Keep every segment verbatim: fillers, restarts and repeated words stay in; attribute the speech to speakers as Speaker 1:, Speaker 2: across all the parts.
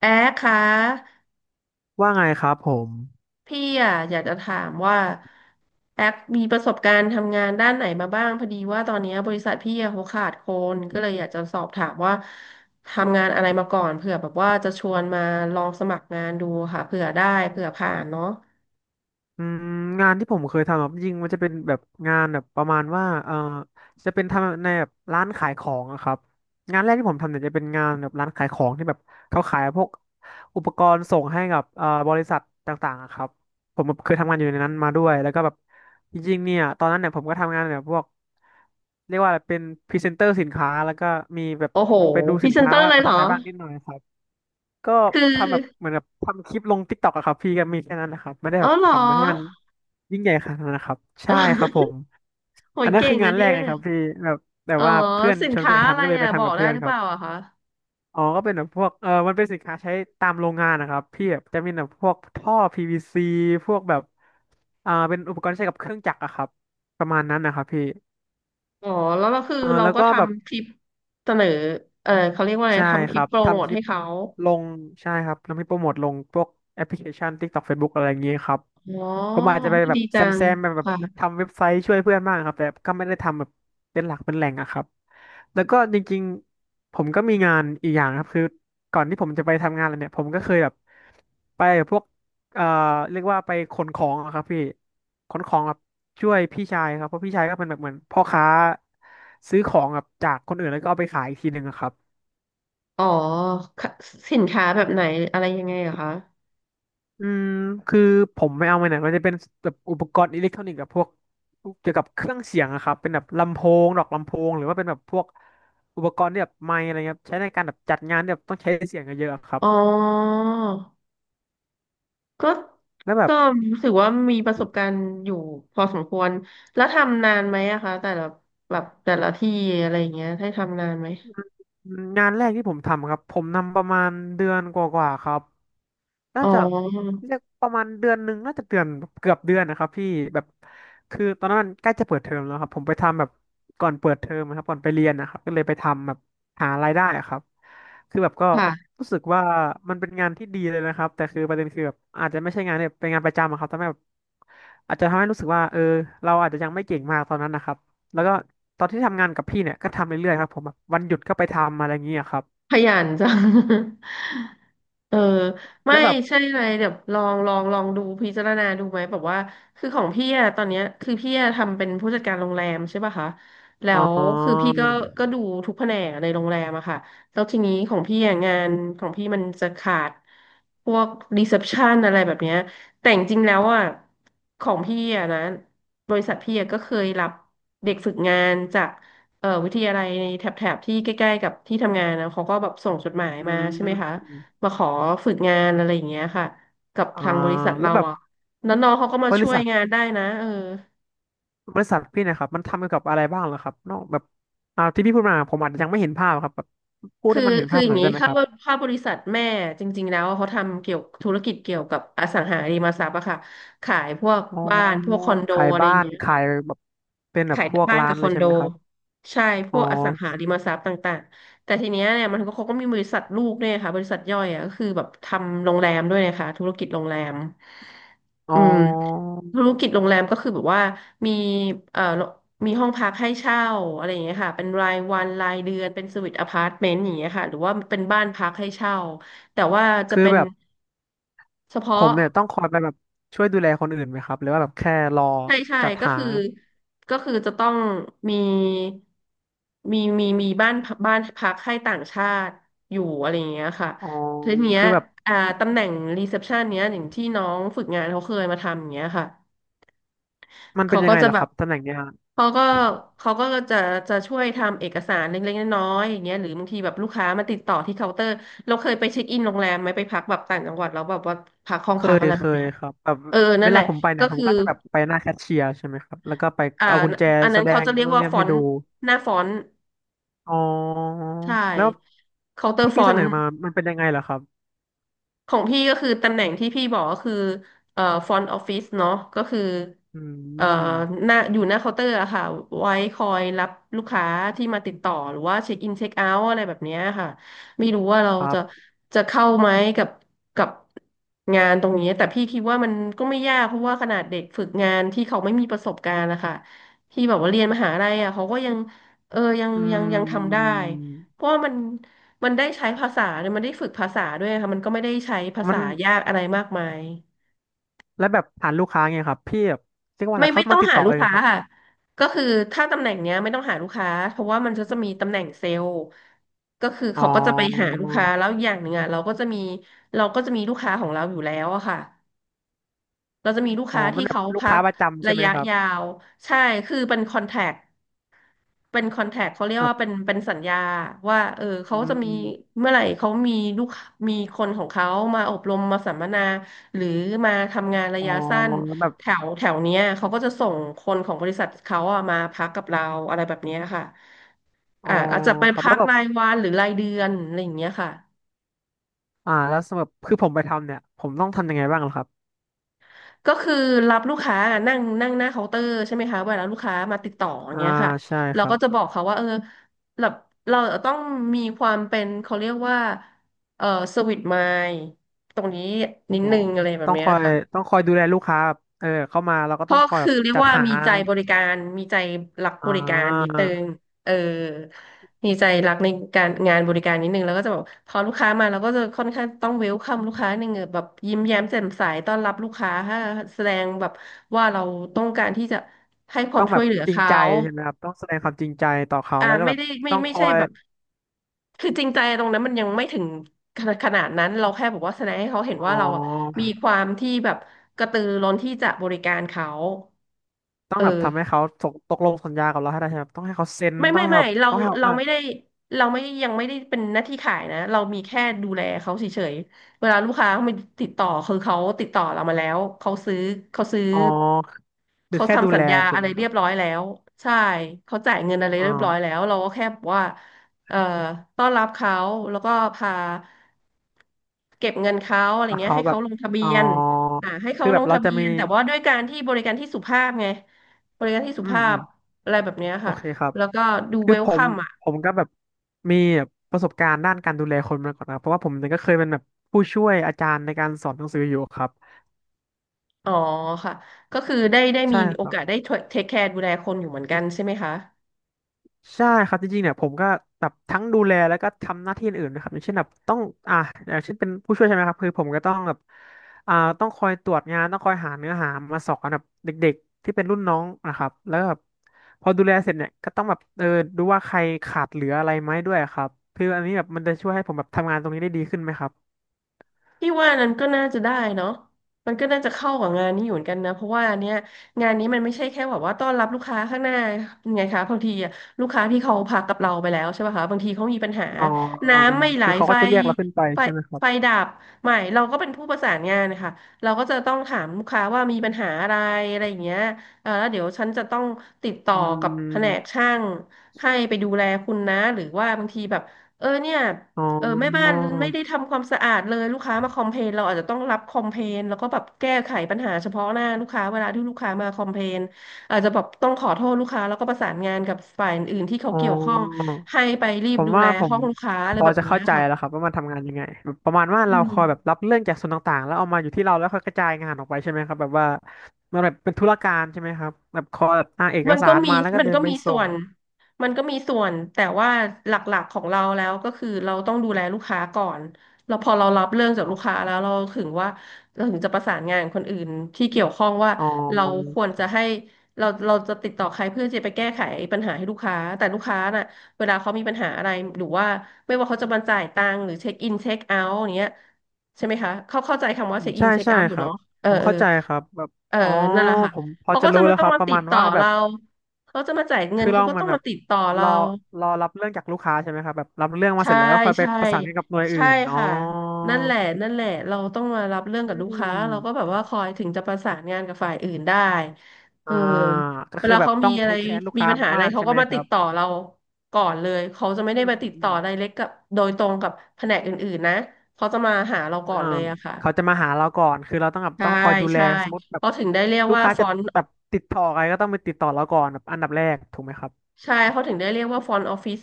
Speaker 1: แอ๊กคะ
Speaker 2: ว่าไงครับผม
Speaker 1: พี่อ่ะอยากจะถามว่าแอ๊กมีประสบการณ์ทำงานด้านไหนมาบ้างพอดีว่าตอนนี้บริษัทพี่อ่ะเขาขาดคนก็เลยอยากจะสอบถามว่าทำงานอะไรมาก่อนเผื่อแบบว่าจะชวนมาลองสมัครงานดูค่ะเผื่อได้เผื่อผ่านเนาะ
Speaker 2: อืมงานที่ผมเคยทำแบบจริงๆมันจะเป็นแบบงานแบบประมาณว่าเออจะเป็นทำในแบบร้านขายของอะครับงานแรกที่ผมทำเนี่ยจะเป็นงานแบบร้านขายของที่แบบเขาขายพวกอุปกรณ์ส่งให้กับเอ่อบริษัทต่างๆอะครับผมแบบเคยทำงานอยู่ในนั้นมาด้วยแล้วก็แบบจริงๆเนี่ยตอนนั้นเนี่ยผมก็ทำงานแบบพวกเรียกว่าอะไรเป็นพรีเซนเตอร์สินค้าแล้วก็มีแบบ
Speaker 1: โอ้โห
Speaker 2: ไปดู
Speaker 1: พรี
Speaker 2: สิน
Speaker 1: เซน
Speaker 2: ค้า
Speaker 1: เตอร์
Speaker 2: ว่า
Speaker 1: เลย
Speaker 2: มา
Speaker 1: เหรอ
Speaker 2: ทำอะไรบ้างนิดหน่อยครับ ก็
Speaker 1: คือ
Speaker 2: ทำแบบเหมือนแบบทำคลิปลง TikTok อะครับพี่ก็มีแค่นั้นนะครับไม่ได้
Speaker 1: อ๋
Speaker 2: แบ
Speaker 1: อ
Speaker 2: บ
Speaker 1: เหรอ
Speaker 2: ทำมาให้มันยิ่งใหญ่ขนาดนั้นนะครับใช่ครับผม
Speaker 1: โห
Speaker 2: อั
Speaker 1: ย
Speaker 2: นนั้น
Speaker 1: เก่
Speaker 2: คื
Speaker 1: ง
Speaker 2: องา
Speaker 1: นะ
Speaker 2: นแร
Speaker 1: เนี่
Speaker 2: ก
Speaker 1: ย
Speaker 2: นะครับพี่แบบแต่
Speaker 1: อ๋อ
Speaker 2: ว่าเพื่อน
Speaker 1: สิน
Speaker 2: ชวน
Speaker 1: ค้า
Speaker 2: ไป
Speaker 1: อะไร
Speaker 2: ทำก็เลยไป
Speaker 1: อ่ะบ
Speaker 2: ทำ
Speaker 1: อ
Speaker 2: กั
Speaker 1: ก
Speaker 2: บ
Speaker 1: ได้
Speaker 2: เพื่อน
Speaker 1: หรือ
Speaker 2: ค
Speaker 1: เป
Speaker 2: รับ
Speaker 1: ล่าอะคะ
Speaker 2: อ๋อก็เป็นแบบพวกเออมันเป็นสินค้าใช้ตามโรงงานนะครับพี่แบบจะมีแบบพวกท่อพีวีซีพวกแบบอ่าเป็นอุปกรณ์ที่ใช้กับเครื่องจักรอะครับประมาณนั้นนะครับพี่
Speaker 1: อ๋อแล้วก็คือ
Speaker 2: เออ
Speaker 1: เรา
Speaker 2: แล้ว
Speaker 1: ก็
Speaker 2: ก็แบบ
Speaker 1: ทำคลิปเสนอเออเขาเรียกว่าอะไร
Speaker 2: ใช่
Speaker 1: ทำค
Speaker 2: ค
Speaker 1: ลิป
Speaker 2: รับ
Speaker 1: โปรโม
Speaker 2: ทำ
Speaker 1: ท
Speaker 2: คลิ
Speaker 1: ให้
Speaker 2: ป
Speaker 1: เขา
Speaker 2: ลงใช่ครับแล้วมีโปรโมทลงพวกแอปพลิเคชัน TikTok Facebook อะไรอย่างเงี้ยครับ
Speaker 1: อ๋อ
Speaker 2: ผมอาจจะไปแบบ
Speaker 1: ดี
Speaker 2: แซ
Speaker 1: จั
Speaker 2: ม
Speaker 1: ง
Speaker 2: แซมแบบแบบ
Speaker 1: ค่ะ
Speaker 2: ทำเว็บไซต์ช่วยเพื่อนบ้างครับแต่ก็ไม่ได้ทำแบบเป็นหลักเป็นแหล่งอะครับแล้วก็จริงๆผมก็มีงานอีกอย่างครับคือก่อนที่ผมจะไปทำงานเลยเนี่ยผมก็เคยแบบไปพวกเอ่อเรียกว่าไปขนของอะครับพี่ขนของแบบช่วยพี่ชายครับเพราะพี่ชายก็เป็นแบบเหมือนพ่อค้าซื้อของแบบจากคนอื่นแล้วก็เอาไปขายอีกทีหนึ่งอะครับ
Speaker 1: อ๋อค่ะสินค้าแบบไหนอะไรยังไงเหรอคะ
Speaker 2: อืมคือผมไม่เอามไหนมันจะเป็นแบบอุปกรณ์อิเล็กทรอนิกส์กับพวกเกี่ยวกับเครื่องเสียงอะครับเป็นแบบลำโพงดอกลำโพงหรือว่าเป็นแบบพวกอุปกรณ์ที่แบบไมค์อะไรเงี้ยใช้ในการแบบจัดงานที่แบบต้องใช้เสียงเยอะๆอะครับ
Speaker 1: อ๋อก็
Speaker 2: แล้วแบ
Speaker 1: ก็
Speaker 2: บ
Speaker 1: ถือว่ามีประสบการณ์อยู่พอสมควรแล้วทำนานไหมอะคะแต่ละแบบแต่ละที่อะไรอย่างเงี้ยให้ทำนานไหม
Speaker 2: งานแรกที่ผมทำครับผมทำประมาณเดือนกว่าๆครับ น่า
Speaker 1: อ๋
Speaker 2: จะ
Speaker 1: อ
Speaker 2: เรียกประมาณเดือนหนึ่งน่าจะเดือนเกือบเดือนนะครับพี่แบบคือตอนนั้นมันใกล้จะเปิดเทอมแล้วครับผมไปทำแบบก่อนเปิดเทอมนะครับก่อนไปเรียนนะครับก็เลยไปทำแบบหารายได้อะครับคือแบบก็
Speaker 1: ค่ะ
Speaker 2: รู้สึกว่ามันเป็นงานที่ดีเลยนะครับแต่คือประเด็นคือแบบอาจจะไม่ใช่งานเนี่ยเป็นงานประจำอะครับทำให้แบบอาจจะทำให้รู้สึกว่าเออเราอาจจะยังไม่เก่งมากตอนนั้นนะครับแล้วก็ตอนที่ทำงานกับพี่เนี่ยก็ทำเรื่อยๆครับผมแบบวันหยุดก็ไปทำอะไรอย่างเงี้ยครับ
Speaker 1: ขยันจัง เออไม่
Speaker 2: แล้วแบบ
Speaker 1: ใช่อะไรเดี๋ยวลองลองลองดูพิจารณาดูไหมแบบว่าคือของพี่อะตอนเนี้ยคือพี่อะทำเป็นผู้จัดการโรงแรมใช่ป่ะคะแล้
Speaker 2: อ๋อ
Speaker 1: วคือพี่ก็ก็ดูทุกแผนกในโรงแรมอะค่ะแล้วทีนี้ของพี่อะงานของพี่มันจะขาดพวกรีเซพชันอะไรแบบเนี้ยแต่จริงๆแล้วอะของพี่อะนะบริษัทพี่อะก็เคยรับเด็กฝึกงานจาก เอ่อวิทยาลัยในแถบแถบที่ใกล้ๆกับที่ทำงานนะเขาก็แบบส่งจดหมาย
Speaker 2: อื
Speaker 1: มาใช่ไหมคะ
Speaker 2: ม
Speaker 1: มาขอฝึกงานอะไรอย่างเงี้ยค่ะกับ
Speaker 2: อ่า
Speaker 1: ทางบริษัท
Speaker 2: แล้
Speaker 1: เรา
Speaker 2: วแบบ
Speaker 1: อ่ะแล้วน้องเขาก็มา
Speaker 2: บ
Speaker 1: ช่
Speaker 2: ริ
Speaker 1: วย
Speaker 2: ษัท
Speaker 1: งานได้นะเออ
Speaker 2: บริษัทพี่เนะครับมันทำเกี่ยวกับอะไรบ้างเหรอครับนอกแบบอ่าที่พี่พูดมาผมอาจจะยังไม่เห็นภาพครับแบบพูด
Speaker 1: คือ
Speaker 2: ให้มันเห็น
Speaker 1: คือ
Speaker 2: ภาพ
Speaker 1: อ
Speaker 2: ห
Speaker 1: ย่า
Speaker 2: น่อ
Speaker 1: ง
Speaker 2: ย
Speaker 1: นี้
Speaker 2: ได้ไหม
Speaker 1: ค่ะ
Speaker 2: ครับ
Speaker 1: ว่าถ้าบริษัทแม่จริงๆแล้วเขาทำเกี่ยวธุรกิจเกี่ยวกับอสังหาริมทรัพย์อะค่ะขายพวก
Speaker 2: อ๋อ
Speaker 1: บ้านพวกคอนโด
Speaker 2: ขาย
Speaker 1: อะไรอ
Speaker 2: บ้า
Speaker 1: ย่าง
Speaker 2: น
Speaker 1: เงี้ย
Speaker 2: ขายแบบเป็นแบบ
Speaker 1: ขาย
Speaker 2: พวก
Speaker 1: บ้าน
Speaker 2: ร้า
Speaker 1: กั
Speaker 2: น
Speaker 1: บค
Speaker 2: เล
Speaker 1: อ
Speaker 2: ย
Speaker 1: น
Speaker 2: ใช่
Speaker 1: โด
Speaker 2: ไหมครับ
Speaker 1: ใช่พ
Speaker 2: อ๋อ
Speaker 1: วกอสังหาริมทรัพย์ต่างๆแต่ทีเนี้ยเนี่ยมันก็เขาก็มีบริษัทลูกเนี่ยค่ะบริษัทย่อยอ่ะก็คือแบบทำโรงแรมด้วยนะคะธุรกิจโรงแรม
Speaker 2: อ๋อ
Speaker 1: อืมธุรกิจโรงแรมก็คือแบบว่ามีเอ่อมีห้องพักให้เช่าอะไรอย่างเงี้ยค่ะเป็นรายวันรายเดือนเป็นสวิทอพาร์ตเมนต์อย่างเงี้ยค่ะหรือว่าเป็นบ้านพักให้เช่าแต่ว่าจะ
Speaker 2: คือ
Speaker 1: เป็น
Speaker 2: แบบ
Speaker 1: เฉ
Speaker 2: ผ
Speaker 1: พาะ
Speaker 2: มเนี่ยต้องคอยไปแบบช่วยดูแลคนอื่นไหมครับหรือว่าแบบแค่รอ
Speaker 1: ใช่ใช่
Speaker 2: จัด
Speaker 1: ก็
Speaker 2: หา
Speaker 1: คือก็คือจะต้องมีมีมีมีบ้านบ้านพักให้ต่างชาติอยู่อะไรอย่างเงี้ยค่ะ
Speaker 2: อ๋อ
Speaker 1: ทีเนี้ย
Speaker 2: คือแบบ
Speaker 1: อ่าตำแหน่งรีเซพชันเนี้ยอย่างที่น้องฝึกงานเขาเคยมาทำอย่างเงี้ยค่ะ
Speaker 2: มันเป็
Speaker 1: เขา
Speaker 2: นยั
Speaker 1: ก็
Speaker 2: งไง
Speaker 1: จะ
Speaker 2: เหรอ
Speaker 1: แบ
Speaker 2: ค
Speaker 1: บ
Speaker 2: รับตำแหน่งเนี้ย
Speaker 1: เขาก็เขาก็จะจะช่วยทำเอกสารเล็กๆน้อยๆอย่างเงี้ยหรือบางทีแบบลูกค้ามาติดต่อที่เคาน์เตอร์เราเคยไปเช็คอินโรงแรมไหมไปพักแบบต่างจังหวัดแล้วแบบว่าพักห้อง
Speaker 2: เค
Speaker 1: พัก
Speaker 2: ย
Speaker 1: อะไร
Speaker 2: เค
Speaker 1: แบบ
Speaker 2: ย
Speaker 1: เนี้ย
Speaker 2: ครับแบบ
Speaker 1: เออนั่
Speaker 2: เว
Speaker 1: นแห
Speaker 2: ลา
Speaker 1: ละ
Speaker 2: ผมไปเนี่
Speaker 1: ก็
Speaker 2: ยผม
Speaker 1: คือ
Speaker 2: ก็จะแบบไปหน้าแคชเชียร์ใช่ไหมครับแล้วก็ไป
Speaker 1: อ่า
Speaker 2: เอากุญแจ
Speaker 1: อัน
Speaker 2: แส
Speaker 1: นั้น
Speaker 2: ด
Speaker 1: เขา
Speaker 2: ง
Speaker 1: จะเรียก
Speaker 2: นู่น
Speaker 1: ว่า
Speaker 2: นี่
Speaker 1: ฟอ
Speaker 2: ให้
Speaker 1: น
Speaker 2: ดู
Speaker 1: ต์หน้าฟอนต์
Speaker 2: อ๋อ
Speaker 1: ใช
Speaker 2: แล้ว
Speaker 1: ่เคาน์เตอ
Speaker 2: ที่
Speaker 1: ร์ฟ
Speaker 2: พี่
Speaker 1: อ
Speaker 2: เส
Speaker 1: น
Speaker 2: นอ
Speaker 1: ต์
Speaker 2: มามันเป็นยังไงเหรอครับ
Speaker 1: ของพี่ก็คือตำแหน่งที่พี่บอกก็คือเอ่อฟรอนต์ออฟฟิศเนาะก็คือ
Speaker 2: อื
Speaker 1: เอ่อ
Speaker 2: ม
Speaker 1: หน้าอยู่หน้าเคาน์เตอร์อะค่ะไว้คอยรับลูกค้าที่มาติดต่อหรือว่าเช็คอินเช็คเอาท์อะไรแบบเนี้ยค่ะไม่รู้ว่าเรา
Speaker 2: ครั
Speaker 1: จะ
Speaker 2: บ
Speaker 1: จะเข้าไหมกับกับงานตรงนี้แต่พี่คิดว่ามันก็ไม่ยากเพราะว่าขนาดเด็กฝึกงานที่เขาไม่มีประสบการณ์นะคะที่แบบว่าเรียนมหาลัยอะเขาก็ยังเออยัง
Speaker 2: อื
Speaker 1: ยังยังทำได้
Speaker 2: ม
Speaker 1: เพราะว่ามัน มันได้ใช้ภาษาเนี่ยมันได้ฝึกภาษาด้วยค่ะมันก็ไม่ได้ใช้ภา
Speaker 2: มั
Speaker 1: ษา
Speaker 2: น
Speaker 1: ยากอะไรมากมาย
Speaker 2: แล้วแบบผ่านลูกค้าไงครับพี่แบบเรียกว่าอะ
Speaker 1: ไม่
Speaker 2: ไรเขา
Speaker 1: ไม่ต้อ
Speaker 2: มา
Speaker 1: ง
Speaker 2: ติด
Speaker 1: หา
Speaker 2: ต่อ
Speaker 1: ลู
Speaker 2: เอ
Speaker 1: ก
Speaker 2: ง
Speaker 1: ค้า
Speaker 2: ครับ
Speaker 1: ค่ะก็คือถ้าตำแหน่งเนี้ยไม่ต้องหาลูกค้าเพราะว่ามันจะจะมีตำแหน่งเซลล์ก็คือ
Speaker 2: อ๋อ
Speaker 1: เขาก็จะไปหาลูกค้าแล้วอย่างหนึ่งอ่ะเราก็จะมีเราก็จะมีลูกค้าของเราอยู่แล้วอะค่ะเราจะมีลูก
Speaker 2: อ๋อ
Speaker 1: ค้า
Speaker 2: มั
Speaker 1: ที่
Speaker 2: นแบบ
Speaker 1: เขา
Speaker 2: ลูก
Speaker 1: พั
Speaker 2: ค้า
Speaker 1: ก
Speaker 2: ประจำใช่
Speaker 1: ระ
Speaker 2: ไหม
Speaker 1: ยะ
Speaker 2: ครับ
Speaker 1: ยาวใช่คือเป็นคอนแทค เป็นคอนแทคเขาเรียก
Speaker 2: แบบ
Speaker 1: ว่าเป็นเป็นสัญญาว่าเออ
Speaker 2: อื
Speaker 1: เขาจะมี
Speaker 2: ม
Speaker 1: เมื่อไหร่เขามีลูกมีคนของเขามาอบรมมาสัมมนาหรือมาทำงานระ
Speaker 2: อ๋อ
Speaker 1: ยะสั้น
Speaker 2: แบบ
Speaker 1: แถวแถวเนี้ยเขาก็จะส่งคนของบริษัทเขาอะมาพักกับเราอะไรแบบเนี้ยค่ะ
Speaker 2: อ๋อ
Speaker 1: อ่าอาจจะไป
Speaker 2: ครับ
Speaker 1: พั
Speaker 2: แล้ว
Speaker 1: ก
Speaker 2: แบบ
Speaker 1: รายวันหรือรายเดือนอะไรอย่างเงี้ยค่ะ
Speaker 2: อ่าแล้วสำหรับคือผมไปทำเนี่ยผมต้องทำยังไงบ้างเหรอครับ
Speaker 1: ก็คือรับลูกค้าอะนั่งนั่งหน้าเคาน์เตอร์ใช่ไหมคะเวลาลูกค้ามาติดต่ออย่าง
Speaker 2: อ่า
Speaker 1: เงี้ยค่ะ
Speaker 2: ใช่
Speaker 1: เรา
Speaker 2: ครั
Speaker 1: ก็
Speaker 2: บ
Speaker 1: จะบอกเขาว่าเออเราเราต้องมีความเป็นเขาเรียกว่าเออสวิตไมล์ตรงนี้นิด
Speaker 2: อ๋อ
Speaker 1: นึงอะไรแบบ
Speaker 2: ต้อง
Speaker 1: เนี้
Speaker 2: ค
Speaker 1: ย
Speaker 2: อย
Speaker 1: ค่ะ
Speaker 2: ต้องคอยดูแลลูกค้าแบบเออเข้ามาเราก็ต้
Speaker 1: พ่
Speaker 2: อ
Speaker 1: อ
Speaker 2: งคอยแบ
Speaker 1: คือ
Speaker 2: บ
Speaker 1: เรียก
Speaker 2: จัด
Speaker 1: ว่า
Speaker 2: หา
Speaker 1: มีใจบริการมีใจรัก
Speaker 2: อ่
Speaker 1: บริการนิด
Speaker 2: า
Speaker 1: นึงเออมีใจรักในการงานบริการนิดนึงแล้วก็จะแบบพอลูกค้ามาเราก็จะค่อนข้างต้องเวลคัมลูกค้าหนึ่งแบบยิ้มแย้มแจ่มใสต้อนรับลูกค้าให้แสดงแบบว่าเราต้องการที่จะให้ควา
Speaker 2: ต้
Speaker 1: ม
Speaker 2: องแบ
Speaker 1: ช่ว
Speaker 2: บ
Speaker 1: ยเหลือ
Speaker 2: จริง
Speaker 1: เขา
Speaker 2: ใจใช่ไหมครับต้องแสดงความจริงใจต่อเขา
Speaker 1: อ่า
Speaker 2: แล้วก็
Speaker 1: ไม่
Speaker 2: แบบ
Speaker 1: ได้ไม่
Speaker 2: ต้อง
Speaker 1: ไม่
Speaker 2: คอ
Speaker 1: ใช่
Speaker 2: ย
Speaker 1: แบบคือจริงใจตรงนั้นมันยังไม่ถึงขนาดขนาดนั้นเราแค่บอกว่าแสดงให้เขาเห็น
Speaker 2: อ๋อ
Speaker 1: ว่าเราอะมีความที่แบบกระตือร้นที่จะบริการเขา
Speaker 2: ต้อ
Speaker 1: เอ
Speaker 2: งแบบทำให้
Speaker 1: อ
Speaker 2: เขาตกตกลงสัญญากับเราให้ได้ใช่ไหมครับต้องให้เขาเซ็น
Speaker 1: ไม่
Speaker 2: ต้อง
Speaker 1: ไม่
Speaker 2: ให้
Speaker 1: ไม่
Speaker 2: เขา
Speaker 1: เรา
Speaker 2: ต้องให้เขา
Speaker 1: เรา
Speaker 2: เออ
Speaker 1: ไม่ได้เราไม่ยังไม่ได้เป็นหน้าที่ขายนะเรามีแค่ดูแลเขาเฉยๆเวลาลูกค้าเขามาติดต่อคือเขาติดต่อเรามาแล้วเขาซื้อเขาซื้อ
Speaker 2: อ๋อคือ
Speaker 1: เขา
Speaker 2: แค่ดู
Speaker 1: ทำสั
Speaker 2: แล
Speaker 1: ญญา
Speaker 2: ถู
Speaker 1: อะ
Speaker 2: ก
Speaker 1: ไร
Speaker 2: ไหมค
Speaker 1: เรี
Speaker 2: รับ
Speaker 1: ยบร้อยแล้วใช่เขาจ่ายเงินอะไร
Speaker 2: อ๋อ
Speaker 1: เรียบร้อยแล้วเราก็แค่บอกว่าเอ่อต้อนรับเขาแล้วก็พา เก็บเงินเขาอะไร
Speaker 2: ถ้า
Speaker 1: เงี้ย
Speaker 2: เขา
Speaker 1: ให้
Speaker 2: แบ
Speaker 1: เขา
Speaker 2: บ
Speaker 1: ลงทะเบี
Speaker 2: อ๋อ
Speaker 1: ยนอ่าให้เขา
Speaker 2: คือ
Speaker 1: ล
Speaker 2: แบบ
Speaker 1: ง
Speaker 2: เรา
Speaker 1: ทะ
Speaker 2: จะ
Speaker 1: เบีย
Speaker 2: มี
Speaker 1: นแต่ว่าด้วยการที่บริการที่สุภาพไงบริการที่สุ
Speaker 2: อืม
Speaker 1: ภา
Speaker 2: อื
Speaker 1: พ
Speaker 2: ม
Speaker 1: อะไรแบบเนี้ย
Speaker 2: โอ
Speaker 1: ค่ะ
Speaker 2: เคครับ
Speaker 1: แล้วก็ดู
Speaker 2: คือ
Speaker 1: เวล
Speaker 2: ผม
Speaker 1: คัมอ่ะ
Speaker 2: ผมก็แบบมีแบบประสบการณ์ด้านการดูแลคนมาก่อนนะครับเพราะว่าผมเนี่ยก็เคยเป็นแบบผู้ช่วยอาจารย์ในการสอนหนังสืออยู่ครับ
Speaker 1: อ๋อค่ะก็คือได้ได้มี
Speaker 2: ใช่
Speaker 1: โอ
Speaker 2: ครับ
Speaker 1: กาสได้เทคแคร์ดูแลคนอยู่เหมือนกันใช่ไหมคะ
Speaker 2: ใช่ครับจริงๆเนี่ยผมก็แบบทั้งดูแลแล้วก็ทำหน้าที่อื่นนะครับอย่างเช่นแบบต้องอ่าอย่างเช่นเป็นผู้ช่วยใช่ไหมครับคือผมก็ต้องแบบอ่าต้องคอยตรวจงานต้องคอยหาเนื้อหามาสอนแบบเด็กๆที่เป็นรุ่นน้องนะครับแล้วก็แบบพอดูแลเสร็จเนี่ยก็ต้องแบบเออดูว่าใครขาดเหลืออะไรไหมด้วยครับคืออันนี้แบบมันจะช่วยให้ผมแบบทำงานตรงนี้ได้ดีขึ้นไหมครับ
Speaker 1: พี่ว่านั้นก็น่าจะได้เนาะมันก็น่าจะเข้ากับงานนี้อยู่เหมือนกันนะเพราะว่าเนี่ยงานนี้มันไม่ใช่แค่แบบว่าต้อนรับลูกค้าข้างหน้าไงคะบางทีอะลูกค้าที่เขาพักกับเราไปแล้วใช่ป่ะคะบางทีเขามีปัญหา
Speaker 2: อ๋อ
Speaker 1: น้ำไม่ไหล
Speaker 2: คือเขา
Speaker 1: ไฟ
Speaker 2: ก็จะเรียกเราขึ้นไป
Speaker 1: ไฟ
Speaker 2: ใช่ไหมครับ
Speaker 1: ไฟดับใหม่เราก็เป็นผู้ประสานงานนะคะเราก็จะต้องถามลูกค้าว่ามีปัญหาอะไรอะไรอย่างเงี้ยเออแล้วเดี๋ยวฉันจะต้องติดต่อ
Speaker 2: อื
Speaker 1: กับแผนก
Speaker 2: ม
Speaker 1: ช่างให้ไปดูแลคุณนะหรือว่าบางทีแบบเออเนี่ย
Speaker 2: อ๋
Speaker 1: เออแม่บ้า
Speaker 2: อ
Speaker 1: นไม่ได้ทำความสะอาดเลยลูกค้ามาคอมเพลนเราอาจจะต้องรับคอมเพลนแล้วก็แบบแก้ไขปัญหาเฉพาะหน้าลูกค้าเวลาที่ลูกค้ามาคอมเพลนอาจจะแบบต้องขอโทษลูกค้าแล้วก็ประสานงานกับฝ่ายอื่นที่เขา
Speaker 2: อ๋
Speaker 1: เกี่ยวข้อง
Speaker 2: อ
Speaker 1: ให้ไปรี
Speaker 2: ผ
Speaker 1: บ
Speaker 2: ม
Speaker 1: ดูแล
Speaker 2: ว่าผ
Speaker 1: ห้
Speaker 2: ม
Speaker 1: องลูกค้าอะไร
Speaker 2: พอ
Speaker 1: แบบ
Speaker 2: จะ
Speaker 1: เนี้
Speaker 2: เข้า
Speaker 1: ย
Speaker 2: ใจ
Speaker 1: ค่ะ
Speaker 2: แล้วครับว่ามันทำงานยังไงแบบประมาณว่า
Speaker 1: อื
Speaker 2: เรา
Speaker 1: ม
Speaker 2: คอยแบบรับเรื่องจากส่วนต่างๆแล้วเอามาอยู่ที่เราแล้วค่อยกระจายงานออกไปใช่ไหมครับแบบว่ามันแบบเป็นธุรการใช่ไหมครับแบบคอยแบบอ่าเอก
Speaker 1: มัน
Speaker 2: สา
Speaker 1: ก็
Speaker 2: ร
Speaker 1: มี
Speaker 2: มาแล้วก็
Speaker 1: มัน
Speaker 2: เดิ
Speaker 1: ก็
Speaker 2: นไป
Speaker 1: มี
Speaker 2: ส่
Speaker 1: ส่ว
Speaker 2: ง
Speaker 1: นมันก็มีส่วนแต่ว่าหลักๆของเราแล้วก็คือเราต้องดูแลลูกค้าก่อนเราพอเรารับเรื่องจาก
Speaker 2: อ๋
Speaker 1: ลู
Speaker 2: อ
Speaker 1: กค้าแล้วเราถึงว่าเราถึงจะประสานงานกับคนอื่นที่เกี่ยวข้องว่า
Speaker 2: อ๋อ
Speaker 1: เราควรจะให้เราเราจะติดต่อใครเพื่อจะไปแก้ไขปัญหาให้ลูกค้าแต่ลูกค้าน่ะเวลาเขามีปัญหาอะไรหรือว่าไม่ว่าเขาจะมาจ่ายตังค์หรือเช็คอินเช็คเอาท์อย่างเงี้ยใช่ไหมคะเขาเข้าใจคำว่าเช็คอิ
Speaker 2: ใช่
Speaker 1: นเช็ค
Speaker 2: ใช่
Speaker 1: เอาท์อ
Speaker 2: ค
Speaker 1: ยู่
Speaker 2: รับ
Speaker 1: เนาะเออ
Speaker 2: ผม
Speaker 1: เออ
Speaker 2: เข้าใจครับแบบ
Speaker 1: เออ
Speaker 2: อ๋อ
Speaker 1: นั่นแหละค่ะ
Speaker 2: ผมพอ
Speaker 1: เขา
Speaker 2: จะ
Speaker 1: ก็จะ
Speaker 2: รู้
Speaker 1: มา
Speaker 2: แล้ว
Speaker 1: ต้อ
Speaker 2: ค
Speaker 1: ง
Speaker 2: รับ
Speaker 1: มา
Speaker 2: ประ
Speaker 1: ติ
Speaker 2: มา
Speaker 1: ด
Speaker 2: ณ
Speaker 1: ต่อ
Speaker 2: ว่าแบ
Speaker 1: เรา
Speaker 2: บ
Speaker 1: เขาจะมาจ่ายเงิ
Speaker 2: คื
Speaker 1: น
Speaker 2: อ
Speaker 1: เขา
Speaker 2: เรา
Speaker 1: ก็
Speaker 2: มั
Speaker 1: ต้
Speaker 2: น
Speaker 1: อง
Speaker 2: แบ
Speaker 1: มา
Speaker 2: บ
Speaker 1: ติดต่อ
Speaker 2: ร
Speaker 1: เรา
Speaker 2: อรอรับเรื่องจากลูกค้าใช่ไหมครับแบบรับเรื่องมา
Speaker 1: ใช่
Speaker 2: เสร็จแล้วก็คอยไป
Speaker 1: ใช่
Speaker 2: ประสานงานกับหน่วยอื่
Speaker 1: ใช่
Speaker 2: นอ๋อ
Speaker 1: ค่ะนั่นแหละนั่นแหละเราต้องมารับเรื่องกับ
Speaker 2: อื
Speaker 1: ลูกค้าเราก็แบบ
Speaker 2: ม
Speaker 1: ว่าคอยถึงจะประสานงานกับฝ่ายอื่นได้เอ
Speaker 2: อ่า
Speaker 1: อ
Speaker 2: ก็
Speaker 1: เว
Speaker 2: คือ
Speaker 1: ลา
Speaker 2: แบบ
Speaker 1: เขามี
Speaker 2: ต้องเท
Speaker 1: อะไร
Speaker 2: คแคร์ลูก
Speaker 1: มี
Speaker 2: ค้า
Speaker 1: ปัญหาอะไร
Speaker 2: มากๆ
Speaker 1: เขา
Speaker 2: ใช่
Speaker 1: ก็
Speaker 2: ไหม
Speaker 1: มา
Speaker 2: ค
Speaker 1: ติ
Speaker 2: รั
Speaker 1: ด
Speaker 2: บ
Speaker 1: ต่อเราก่อนเลยเขาจะไม่ได้
Speaker 2: อื
Speaker 1: มา
Speaker 2: ม
Speaker 1: ติด
Speaker 2: อื
Speaker 1: ต่อ
Speaker 2: ม
Speaker 1: ไดเรกกับโดยตรงกับแผนกอื่นๆนะเขาจะมาหาเราก่อ
Speaker 2: อ่า
Speaker 1: นเลยอะค่ะ
Speaker 2: เขาจะมาหาเราก่อนคือเราต้องแบบ
Speaker 1: ใช่
Speaker 2: ต้องคอยดูแล
Speaker 1: ใช่
Speaker 2: สมมติแบบ
Speaker 1: เขาถึงได้เรียก
Speaker 2: ลูก
Speaker 1: ว่า
Speaker 2: ค้า
Speaker 1: ฟอ
Speaker 2: จะ
Speaker 1: น
Speaker 2: แบบติดต่ออะไรก็ต้องไปติดต่อเราก่อนแบบอันดับแรกถูกไหมครับ
Speaker 1: ใช่เขาถึงได้เรียกว่าฟอนออฟฟิศ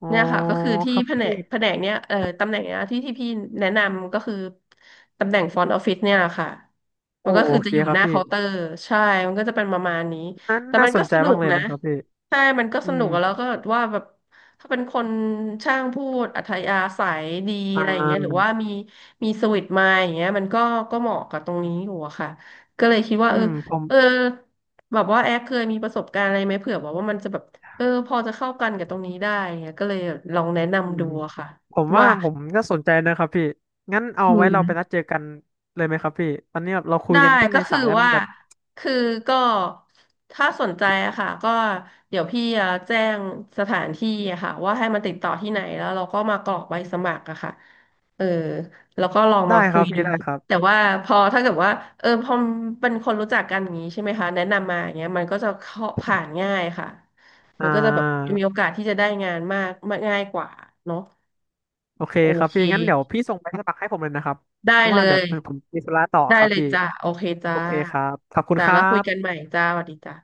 Speaker 2: อ๋อ
Speaker 1: เนี่ยค่ะก็คือที่
Speaker 2: ครับ
Speaker 1: แผน
Speaker 2: พี่
Speaker 1: กแผนกเนี้ยเอ่อตำแหน่งเนี้ยที่ที่พี่แนะนำก็คือตำแหน่งฟรอนต์ออฟฟิศเนี่ยค่ะ
Speaker 2: โอ
Speaker 1: มันก็คือ
Speaker 2: เค
Speaker 1: จะอยู่
Speaker 2: ครั
Speaker 1: ห
Speaker 2: บ
Speaker 1: น้า
Speaker 2: พี่
Speaker 1: เคาน์เตอร์ใช่มันก็จะเป็นประมาณนี้
Speaker 2: นั้น
Speaker 1: แต่
Speaker 2: น่า
Speaker 1: มัน
Speaker 2: ส
Speaker 1: ก็
Speaker 2: นใจ
Speaker 1: สนุ
Speaker 2: มาก
Speaker 1: ก
Speaker 2: เลย
Speaker 1: นะ
Speaker 2: นะครับพี่
Speaker 1: ใช่มันก็
Speaker 2: อื
Speaker 1: สนุ
Speaker 2: ม
Speaker 1: กแล้วก็ว่าแบบถ้าเป็นคนช่างพูดอัธยาศัยดี
Speaker 2: อ่
Speaker 1: อะไรอย่างเงี้ยหรือว่า
Speaker 2: า
Speaker 1: มีมีสวิตมาอย่างเงี้ยมันก็ก็เหมาะกับตรงนี้อยู่อะค่ะก็เลยคิดว่า
Speaker 2: อื
Speaker 1: เออ
Speaker 2: มผม
Speaker 1: เออแบบว่าแอคเคยมีประสบการณ์อะไรไหมเผื่อแบบว่ามันจะแบบ เออพอจะเข้ากันกับตรงนี้ได้เงี้ยก็เลยลองแนะ
Speaker 2: อื
Speaker 1: นำ
Speaker 2: ม
Speaker 1: ดูอะค่ะ
Speaker 2: ผมว่า
Speaker 1: ว่า
Speaker 2: ผมก็สนใจนะครับพี่งั้นเอา
Speaker 1: อื
Speaker 2: ไว้เราไปนัด
Speaker 1: ม
Speaker 2: เจอกันเลยไหมครับพี่ตอนนี้แบบเราคุย
Speaker 1: ได้
Speaker 2: กันแค่
Speaker 1: ก็
Speaker 2: ใน
Speaker 1: คือ
Speaker 2: สายแล้วมั
Speaker 1: ว่า
Speaker 2: นแบบ
Speaker 1: คือก็ถ้าสนใจอะค่ะก็เดี๋ยวพี่จะแจ้งสถานที่อะค่ะว่าให้มันติดต่อที่ไหนแล้วเราก็มากรอกใบสมัครอะค่ะเออแล้วก็ลองมา
Speaker 2: ได้ค
Speaker 1: คุ
Speaker 2: รั
Speaker 1: ย
Speaker 2: บ
Speaker 1: ดู
Speaker 2: พี่ได้ครั
Speaker 1: แต่
Speaker 2: บ
Speaker 1: ว่าพอถ้าเกิดว่าเออพอเป็นคนรู้จักกันอย่างนี้ใช่ไหมคะแนะนำมาอย่างเงี้ยมันก็จะเข้าผ่านง่ายค่ะ
Speaker 2: อ่
Speaker 1: มันก็จะแบบ
Speaker 2: า
Speaker 1: มีโอกาสที่จะได้งานมากมากง่ายกว่าเนาะ
Speaker 2: โอเค
Speaker 1: โอ
Speaker 2: ครับ
Speaker 1: เค
Speaker 2: พี่งั้นเดี๋ยวพี่ส่งไปสมัครให้ผมเลยนะครับ
Speaker 1: ได้
Speaker 2: เพราะ
Speaker 1: เล
Speaker 2: ว่าเดี๋ยว
Speaker 1: ย
Speaker 2: ผมมีธุระต่อ
Speaker 1: ได้
Speaker 2: ครับ
Speaker 1: เลย
Speaker 2: พี่
Speaker 1: จ้ะโอเคจ้า
Speaker 2: โอเคครับขอบคุณ
Speaker 1: จ้า
Speaker 2: ครั
Speaker 1: แล้วคุยกันให
Speaker 2: บ
Speaker 1: ม่จ้าสวัสดีจ้า